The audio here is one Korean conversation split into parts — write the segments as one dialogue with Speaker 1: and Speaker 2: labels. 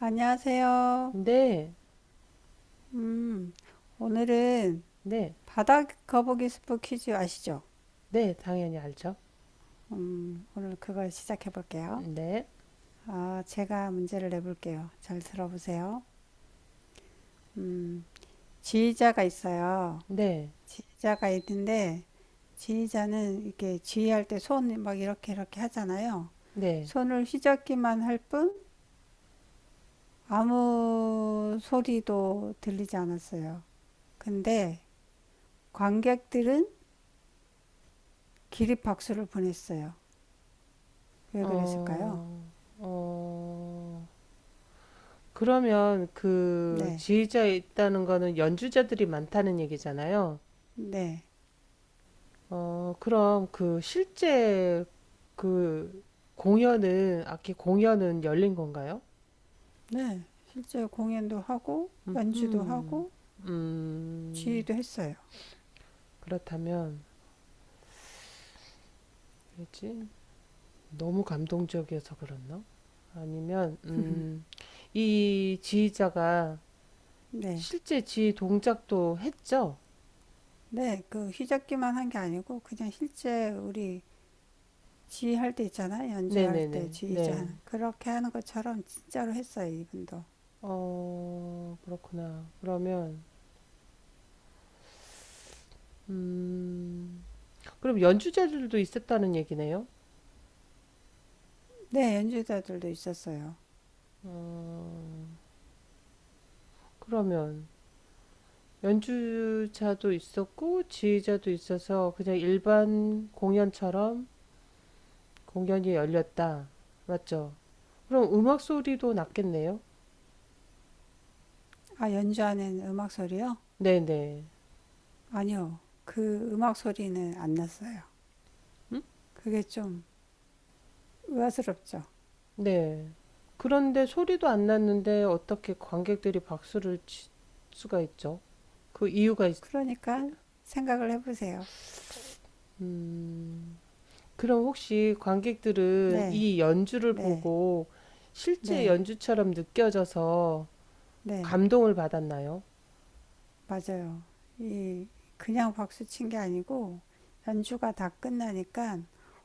Speaker 1: 안녕하세요.
Speaker 2: 네,
Speaker 1: 음, 오늘은
Speaker 2: 네,
Speaker 1: 바다 거북이 스프 퀴즈 아시죠?
Speaker 2: 네, 당연히 알죠.
Speaker 1: 오늘 그걸 시작해 볼게요.
Speaker 2: 네,
Speaker 1: 아, 제가 문제를 내볼게요. 잘 들어보세요. 음, 지휘자가 있어요.
Speaker 2: 네,
Speaker 1: 지휘자가 있는데, 지휘자는 이렇게 지휘할 때 손 막 이렇게 이렇게 하잖아요.
Speaker 2: 네.
Speaker 1: 손을 휘젓기만 할 뿐, 아무 소리도 들리지 않았어요. 근데 관객들은 기립박수를 보냈어요. 왜 그랬을까요?
Speaker 2: 어, 어, 그러면 그
Speaker 1: 네,
Speaker 2: 지휘자에 있다는 거는 연주자들이 많다는 얘기잖아요.
Speaker 1: 네,
Speaker 2: 어, 그럼 그 실제 그 공연은, 악기 공연은 열린 건가요?
Speaker 1: 네. 실제 공연도 하고 연주도
Speaker 2: 음,
Speaker 1: 하고
Speaker 2: 음,
Speaker 1: 지휘도 했어요.
Speaker 2: 그렇다면, 뭐지? 너무 감동적이어서 그랬나? 아니면 이 지휘자가
Speaker 1: 네,
Speaker 2: 실제 지휘 동작도 했죠?
Speaker 1: 네. 그 휘잡기만 한 게 아니고 그냥 실제 우리 지휘할 때 있잖아요. 연주할 때
Speaker 2: 네네네.
Speaker 1: 지휘자
Speaker 2: 네.
Speaker 1: 하는 그렇게 하는 것처럼 진짜로 했어요. 이분도.
Speaker 2: 어, 그렇구나. 그러면 음, 그럼 연주자들도 있었다는 얘기네요?
Speaker 1: 네, 연주자들도 있었어요.
Speaker 2: 어, 그러면 연주자도 있었고 지휘자도 있어서 그냥 일반 공연처럼 공연이 열렸다. 맞죠? 그럼 음악 소리도 났겠네요?
Speaker 1: 아, 연주 안에는 음악 소리요?
Speaker 2: 네네.
Speaker 1: 아니요. 그 음악 소리는 안 났어요. 그게 좀 의아스럽죠.
Speaker 2: 네. 그런데 소리도 안 났는데 어떻게 관객들이 박수를 칠 수가 있죠? 그 이유가 있...
Speaker 1: 그러니까 생각을 해보세요.
Speaker 2: 음, 그럼 혹시 관객들은
Speaker 1: 네,
Speaker 2: 이 연주를
Speaker 1: 네,
Speaker 2: 보고 실제
Speaker 1: 네.
Speaker 2: 연주처럼 느껴져서
Speaker 1: 네,
Speaker 2: 감동을 받았나요?
Speaker 1: 맞아요. 이 그냥 박수 친 게 아니고 연주가 다 끝나니까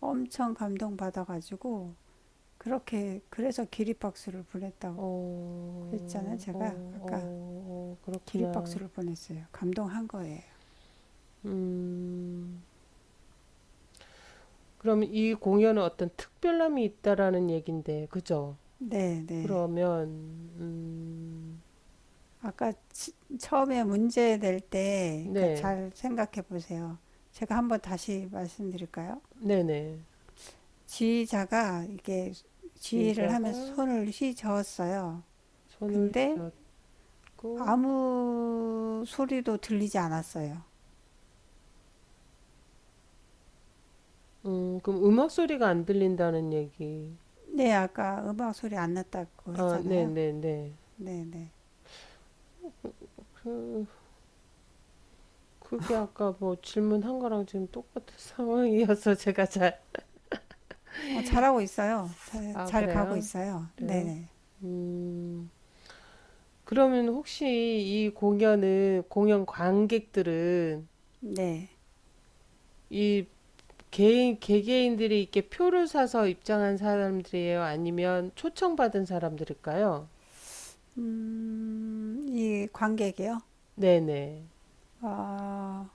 Speaker 1: 엄청 감동받아가지고 그렇게 그래서 기립박수를 보냈다고
Speaker 2: 어,
Speaker 1: 했잖아요.
Speaker 2: 어,
Speaker 1: 제가 아까
Speaker 2: 어, 어, 그렇구나.
Speaker 1: 기립박수를 보냈어요. 감동한 거예요.
Speaker 2: 음, 그럼 이 공연은 어떤 특별함이 있다라는 얘긴데, 그죠?
Speaker 1: 네, 네.
Speaker 2: 그러면, 음,
Speaker 1: 아까 처음에 문제 낼때 그러니까
Speaker 2: 네,
Speaker 1: 잘 생각해 보세요. 제가 한번 다시 말씀드릴까요?
Speaker 2: 네네.
Speaker 1: 지휘자가 이게 지휘를
Speaker 2: 지휘자가
Speaker 1: 하면서 손을 휘저었어요.
Speaker 2: 손을 해
Speaker 1: 근데
Speaker 2: 줬고
Speaker 1: 아무 소리도 들리지 않았어요.
Speaker 2: 그럼 음악 소리가 안 들린다는 얘기.
Speaker 1: 네, 아까 음악 소리 안 났다고
Speaker 2: 아,
Speaker 1: 했잖아요.
Speaker 2: 네네네.
Speaker 1: 네, 네.
Speaker 2: 그, 그게 아까 뭐 질문한 거랑 지금 똑같은 상황이어서 제가 잘,
Speaker 1: 어, 잘하고 있어요. 잘,
Speaker 2: 아,
Speaker 1: 잘 가고
Speaker 2: 그래요?
Speaker 1: 있어요. 네,
Speaker 2: 그래요?
Speaker 1: 네.
Speaker 2: 음, 그러면 혹시 이 공연은, 공연 관객들은
Speaker 1: 네.
Speaker 2: 이 개개인들이 이렇게 표를 사서 입장한 사람들이에요? 아니면 초청받은 사람들일까요?
Speaker 1: 이 관객이요?
Speaker 2: 네네.
Speaker 1: 아,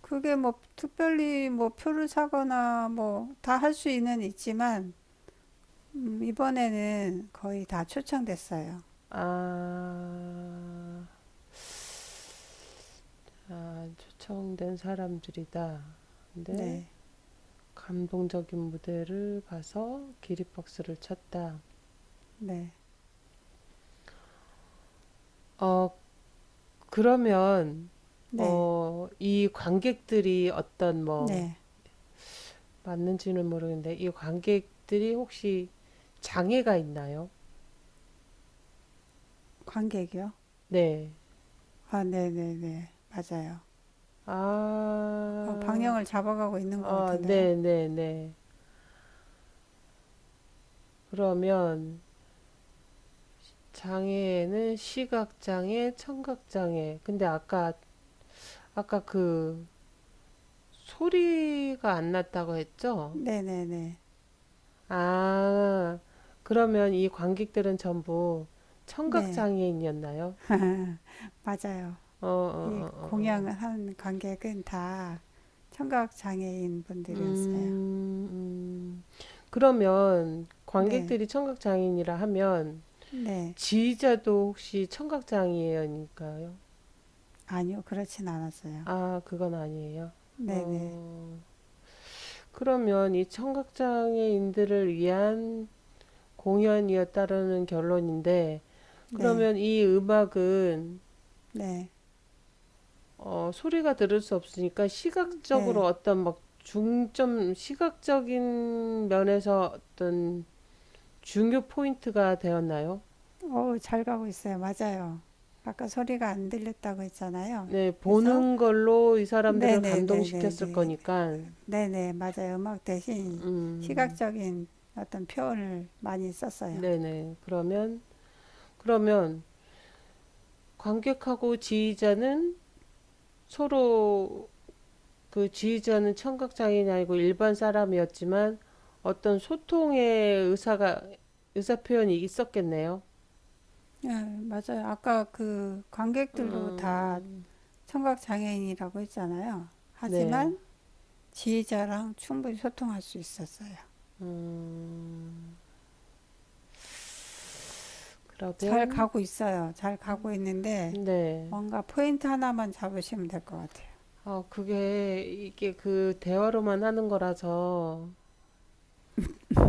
Speaker 1: 그게 뭐 특별히 뭐 표를 사거나 뭐 다 할 수 있는 있지만 이번에는 거의 다 초청됐어요.
Speaker 2: 아, 초청된 사람들이다. 근데
Speaker 1: 네,
Speaker 2: 감동적인 무대를 봐서 기립박수를 쳤다.
Speaker 1: 네,
Speaker 2: 어, 그러면,
Speaker 1: 네,
Speaker 2: 어, 이 관객들이 어떤 뭐,
Speaker 1: 네.
Speaker 2: 맞는지는 모르겠는데, 이 관객들이 혹시 장애가 있나요?
Speaker 1: 관객이요?
Speaker 2: 네.
Speaker 1: 아, 네, 네, 네. 맞아요. 어,
Speaker 2: 아,
Speaker 1: 방향을 잡아가고 있는 것
Speaker 2: 아,
Speaker 1: 같은데요.
Speaker 2: 네네네. 그러면, 장애는 시각장애, 청각장애. 근데 아까 그 소리가 안 났다고 했죠?
Speaker 1: 네네네.
Speaker 2: 아, 그러면 이 관객들은 전부
Speaker 1: 네,
Speaker 2: 청각장애인이었나요?
Speaker 1: 맞아요.
Speaker 2: 어, 어,
Speaker 1: 이
Speaker 2: 어, 어, 어.
Speaker 1: 공양한 관객은 다 청각 장애인 분들이었어요.
Speaker 2: 음, 음. 그러면
Speaker 1: 네,
Speaker 2: 관객들이 청각장애인이라 하면
Speaker 1: 네.
Speaker 2: 지휘자도 혹시 청각장애인일까요?
Speaker 1: 아니요, 그렇진 않았어요.
Speaker 2: 아, 그건 아니에요.
Speaker 1: 네네.
Speaker 2: 어, 그러면 이 청각장애인들을 위한 공연이었다라는 결론인데,
Speaker 1: 네,
Speaker 2: 그러면 이 음악은
Speaker 1: 네,
Speaker 2: 소리가 들을 수 없으니까 시각적으로
Speaker 1: 네.
Speaker 2: 어떤 막 중점, 시각적인 면에서 어떤 중요 포인트가 되었나요?
Speaker 1: 어우, 잘 가고 있어요. 맞아요. 아까 소리가 안 들렸다고 했잖아요.
Speaker 2: 네,
Speaker 1: 그래서
Speaker 2: 보는 걸로 이 사람들을 감동시켰을
Speaker 1: 네네네네네.
Speaker 2: 거니까,
Speaker 1: 네네, 맞아요. 음악 대신
Speaker 2: 음,
Speaker 1: 시각적인 어떤 표현을 많이 썼어요.
Speaker 2: 네네. 그러면 관객하고 지휘자는 서로 그 지휘자는 청각장애인이 아니고 일반 사람이었지만 어떤 소통의 의사가, 의사 표현이 있었겠네요.
Speaker 1: 네, 맞아요. 아까 그 관객들도 다
Speaker 2: 음,
Speaker 1: 청각 장애인이라고 했잖아요.
Speaker 2: 네.
Speaker 1: 하지만 지휘자랑 충분히 소통할 수 있었어요.
Speaker 2: 음,
Speaker 1: 잘
Speaker 2: 그러면,
Speaker 1: 가고 있어요. 잘 가고 있는데
Speaker 2: 네.
Speaker 1: 뭔가 포인트 하나만 잡으시면 될 것 같아요.
Speaker 2: 아, 그게, 이게 그 대화로만 하는 거라서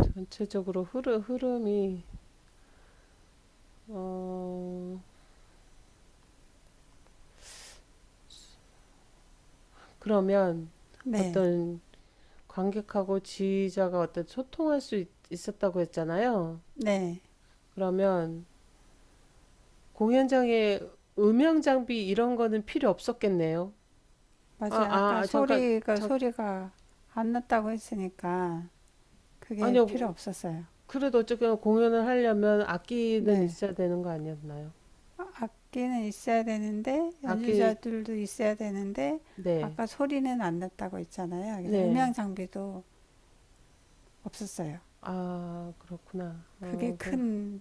Speaker 2: 전체적으로 흐름이, 어, 그러면
Speaker 1: 네,
Speaker 2: 어떤 관객하고 지휘자가 어떤 소통할 수 있었다고 했잖아요.
Speaker 1: 네,
Speaker 2: 그러면 공연장에 음향 장비 이런 거는 필요 없었겠네요. 아,
Speaker 1: 맞아요.
Speaker 2: 아,
Speaker 1: 아까
Speaker 2: 아, 잠깐,
Speaker 1: 소리가
Speaker 2: 잠,
Speaker 1: 소리가 안 났다고 했으니까 그게 필요
Speaker 2: 아니요.
Speaker 1: 없었어요.
Speaker 2: 그래도 어쨌거나 공연을 하려면 악기는
Speaker 1: 네,
Speaker 2: 있어야 되는 거 아니었나요?
Speaker 1: 악기는 있어야 되는데
Speaker 2: 악기,
Speaker 1: 연주자들도 있어야 되는데
Speaker 2: 네,
Speaker 1: 아까 소리는 안 났다고 했잖아요. 그래서
Speaker 2: 네.
Speaker 1: 음향 장비도 없었어요.
Speaker 2: 아, 그렇구나.
Speaker 1: 그게
Speaker 2: 어, 그,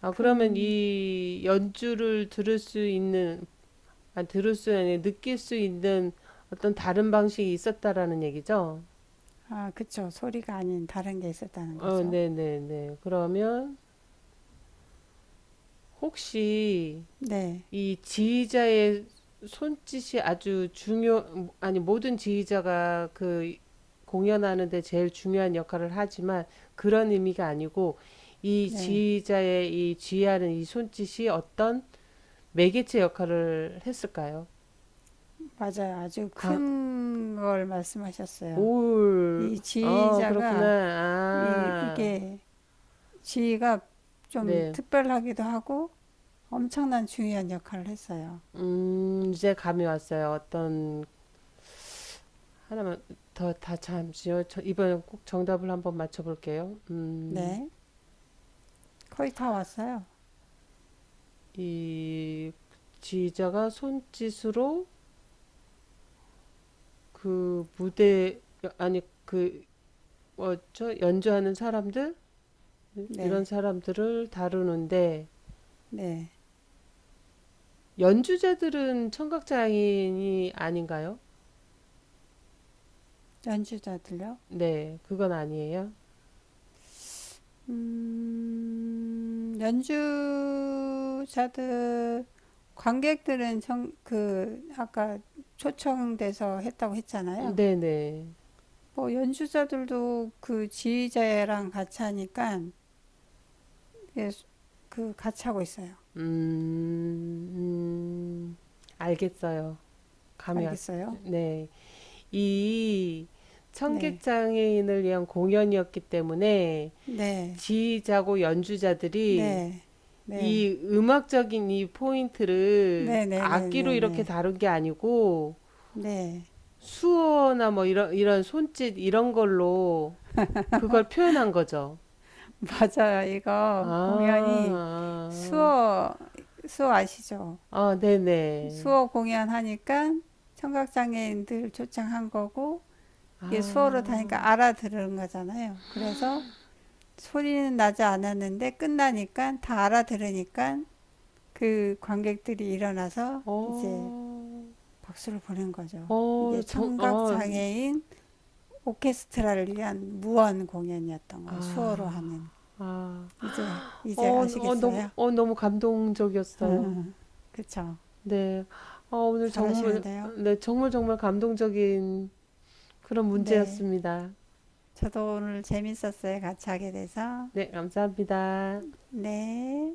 Speaker 2: 아, 그러면
Speaker 1: 큰,
Speaker 2: 이 연주를 들을 수 있는, 아, 들을 수, 아니, 느낄 수 있는 어떤 다른 방식이 있었다라는 얘기죠?
Speaker 1: 아, 그쵸. 소리가 아닌 다른 게 있었다는
Speaker 2: 어,
Speaker 1: 거죠.
Speaker 2: 네네네. 그러면 혹시,
Speaker 1: 네,
Speaker 2: 이 지휘자의 손짓이 아주 중요, 아니, 모든 지휘자가 그 공연하는데 제일 중요한 역할을 하지만 그런 의미가 아니고 이
Speaker 1: 네.
Speaker 2: 지휘자의 이 지휘하는 이 손짓이 어떤 매개체 역할을 했을까요?
Speaker 1: 맞아요. 아주
Speaker 2: 광,
Speaker 1: 큰 걸 말씀하셨어요.
Speaker 2: 올,
Speaker 1: 이
Speaker 2: 어, 그렇구나.
Speaker 1: 지휘자가,
Speaker 2: 아,
Speaker 1: 이게 지휘가 좀
Speaker 2: 네.
Speaker 1: 특별하기도 하고 엄청난 중요한 역할을 했어요.
Speaker 2: 이제 감이 왔어요. 어떤, 하나만 더, 다 잠시요. 저 이번엔 꼭 정답을 한번 맞춰볼게요. 음.
Speaker 1: 네. 거의 다 왔어요.
Speaker 2: 이 지휘자가 손짓으로 그 무대 아니 그 어, 저 연주하는 사람들 이런
Speaker 1: 네,
Speaker 2: 사람들을 다루는데
Speaker 1: 네.
Speaker 2: 연주자들은 청각 장애인이 아닌가요?
Speaker 1: 연주자들요?
Speaker 2: 네, 그건 아니에요.
Speaker 1: 연주자들 관객들은 그 아까 초청돼서 했다고 했잖아요.
Speaker 2: 네네.
Speaker 1: 뭐 연주자들도 그 지휘자랑 같이 하니까 예, 그 같이 하고 있어요.
Speaker 2: 음, 음, 알겠어요. 감이 왔.
Speaker 1: 알겠어요?
Speaker 2: 네, 이 청각
Speaker 1: 네,
Speaker 2: 장애인을 위한 공연이었기 때문에
Speaker 1: 네,
Speaker 2: 지휘자고 연주자들이
Speaker 1: 네, 네,
Speaker 2: 이 음악적인 이 포인트를
Speaker 1: 네, 네, 네,
Speaker 2: 악기로
Speaker 1: 네,
Speaker 2: 이렇게
Speaker 1: 네,
Speaker 2: 다룬 게 아니고
Speaker 1: 네.
Speaker 2: 수어나 뭐 이런 손짓 이런 걸로 그걸 표현한 거죠.
Speaker 1: 맞아요. 이거
Speaker 2: 아,
Speaker 1: 공연이
Speaker 2: 아,
Speaker 1: 수어 수어 아시죠?
Speaker 2: 아, 아, 네네.
Speaker 1: 수어 공연하니까 청각장애인들 초청한 거고 이게 수어로 다니까
Speaker 2: 아,
Speaker 1: 알아들은 거잖아요. 그래서 소리는 나지 않았는데 끝나니까 다 알아들으니까 그 관객들이 일어나서 이제
Speaker 2: 어,
Speaker 1: 박수를 보낸 거죠.
Speaker 2: 어,
Speaker 1: 이게
Speaker 2: 정, 어,
Speaker 1: 청각장애인 오케스트라를 위한 무언 공연이었던 거예요. 수어로
Speaker 2: 아,
Speaker 1: 하는.
Speaker 2: 아,
Speaker 1: 이제,
Speaker 2: 어,
Speaker 1: 이제
Speaker 2: 어, 너무,
Speaker 1: 아시겠어요?
Speaker 2: 너무 감동적이었어요.
Speaker 1: 그쵸?
Speaker 2: 네, 어, 오늘 정말,
Speaker 1: 잘하시는데요?
Speaker 2: 네, 정말 정말 감동적인 그런
Speaker 1: 네.
Speaker 2: 문제였습니다.
Speaker 1: 저도 오늘 재밌었어요. 같이 하게 돼서.
Speaker 2: 네, 감사합니다.
Speaker 1: 네.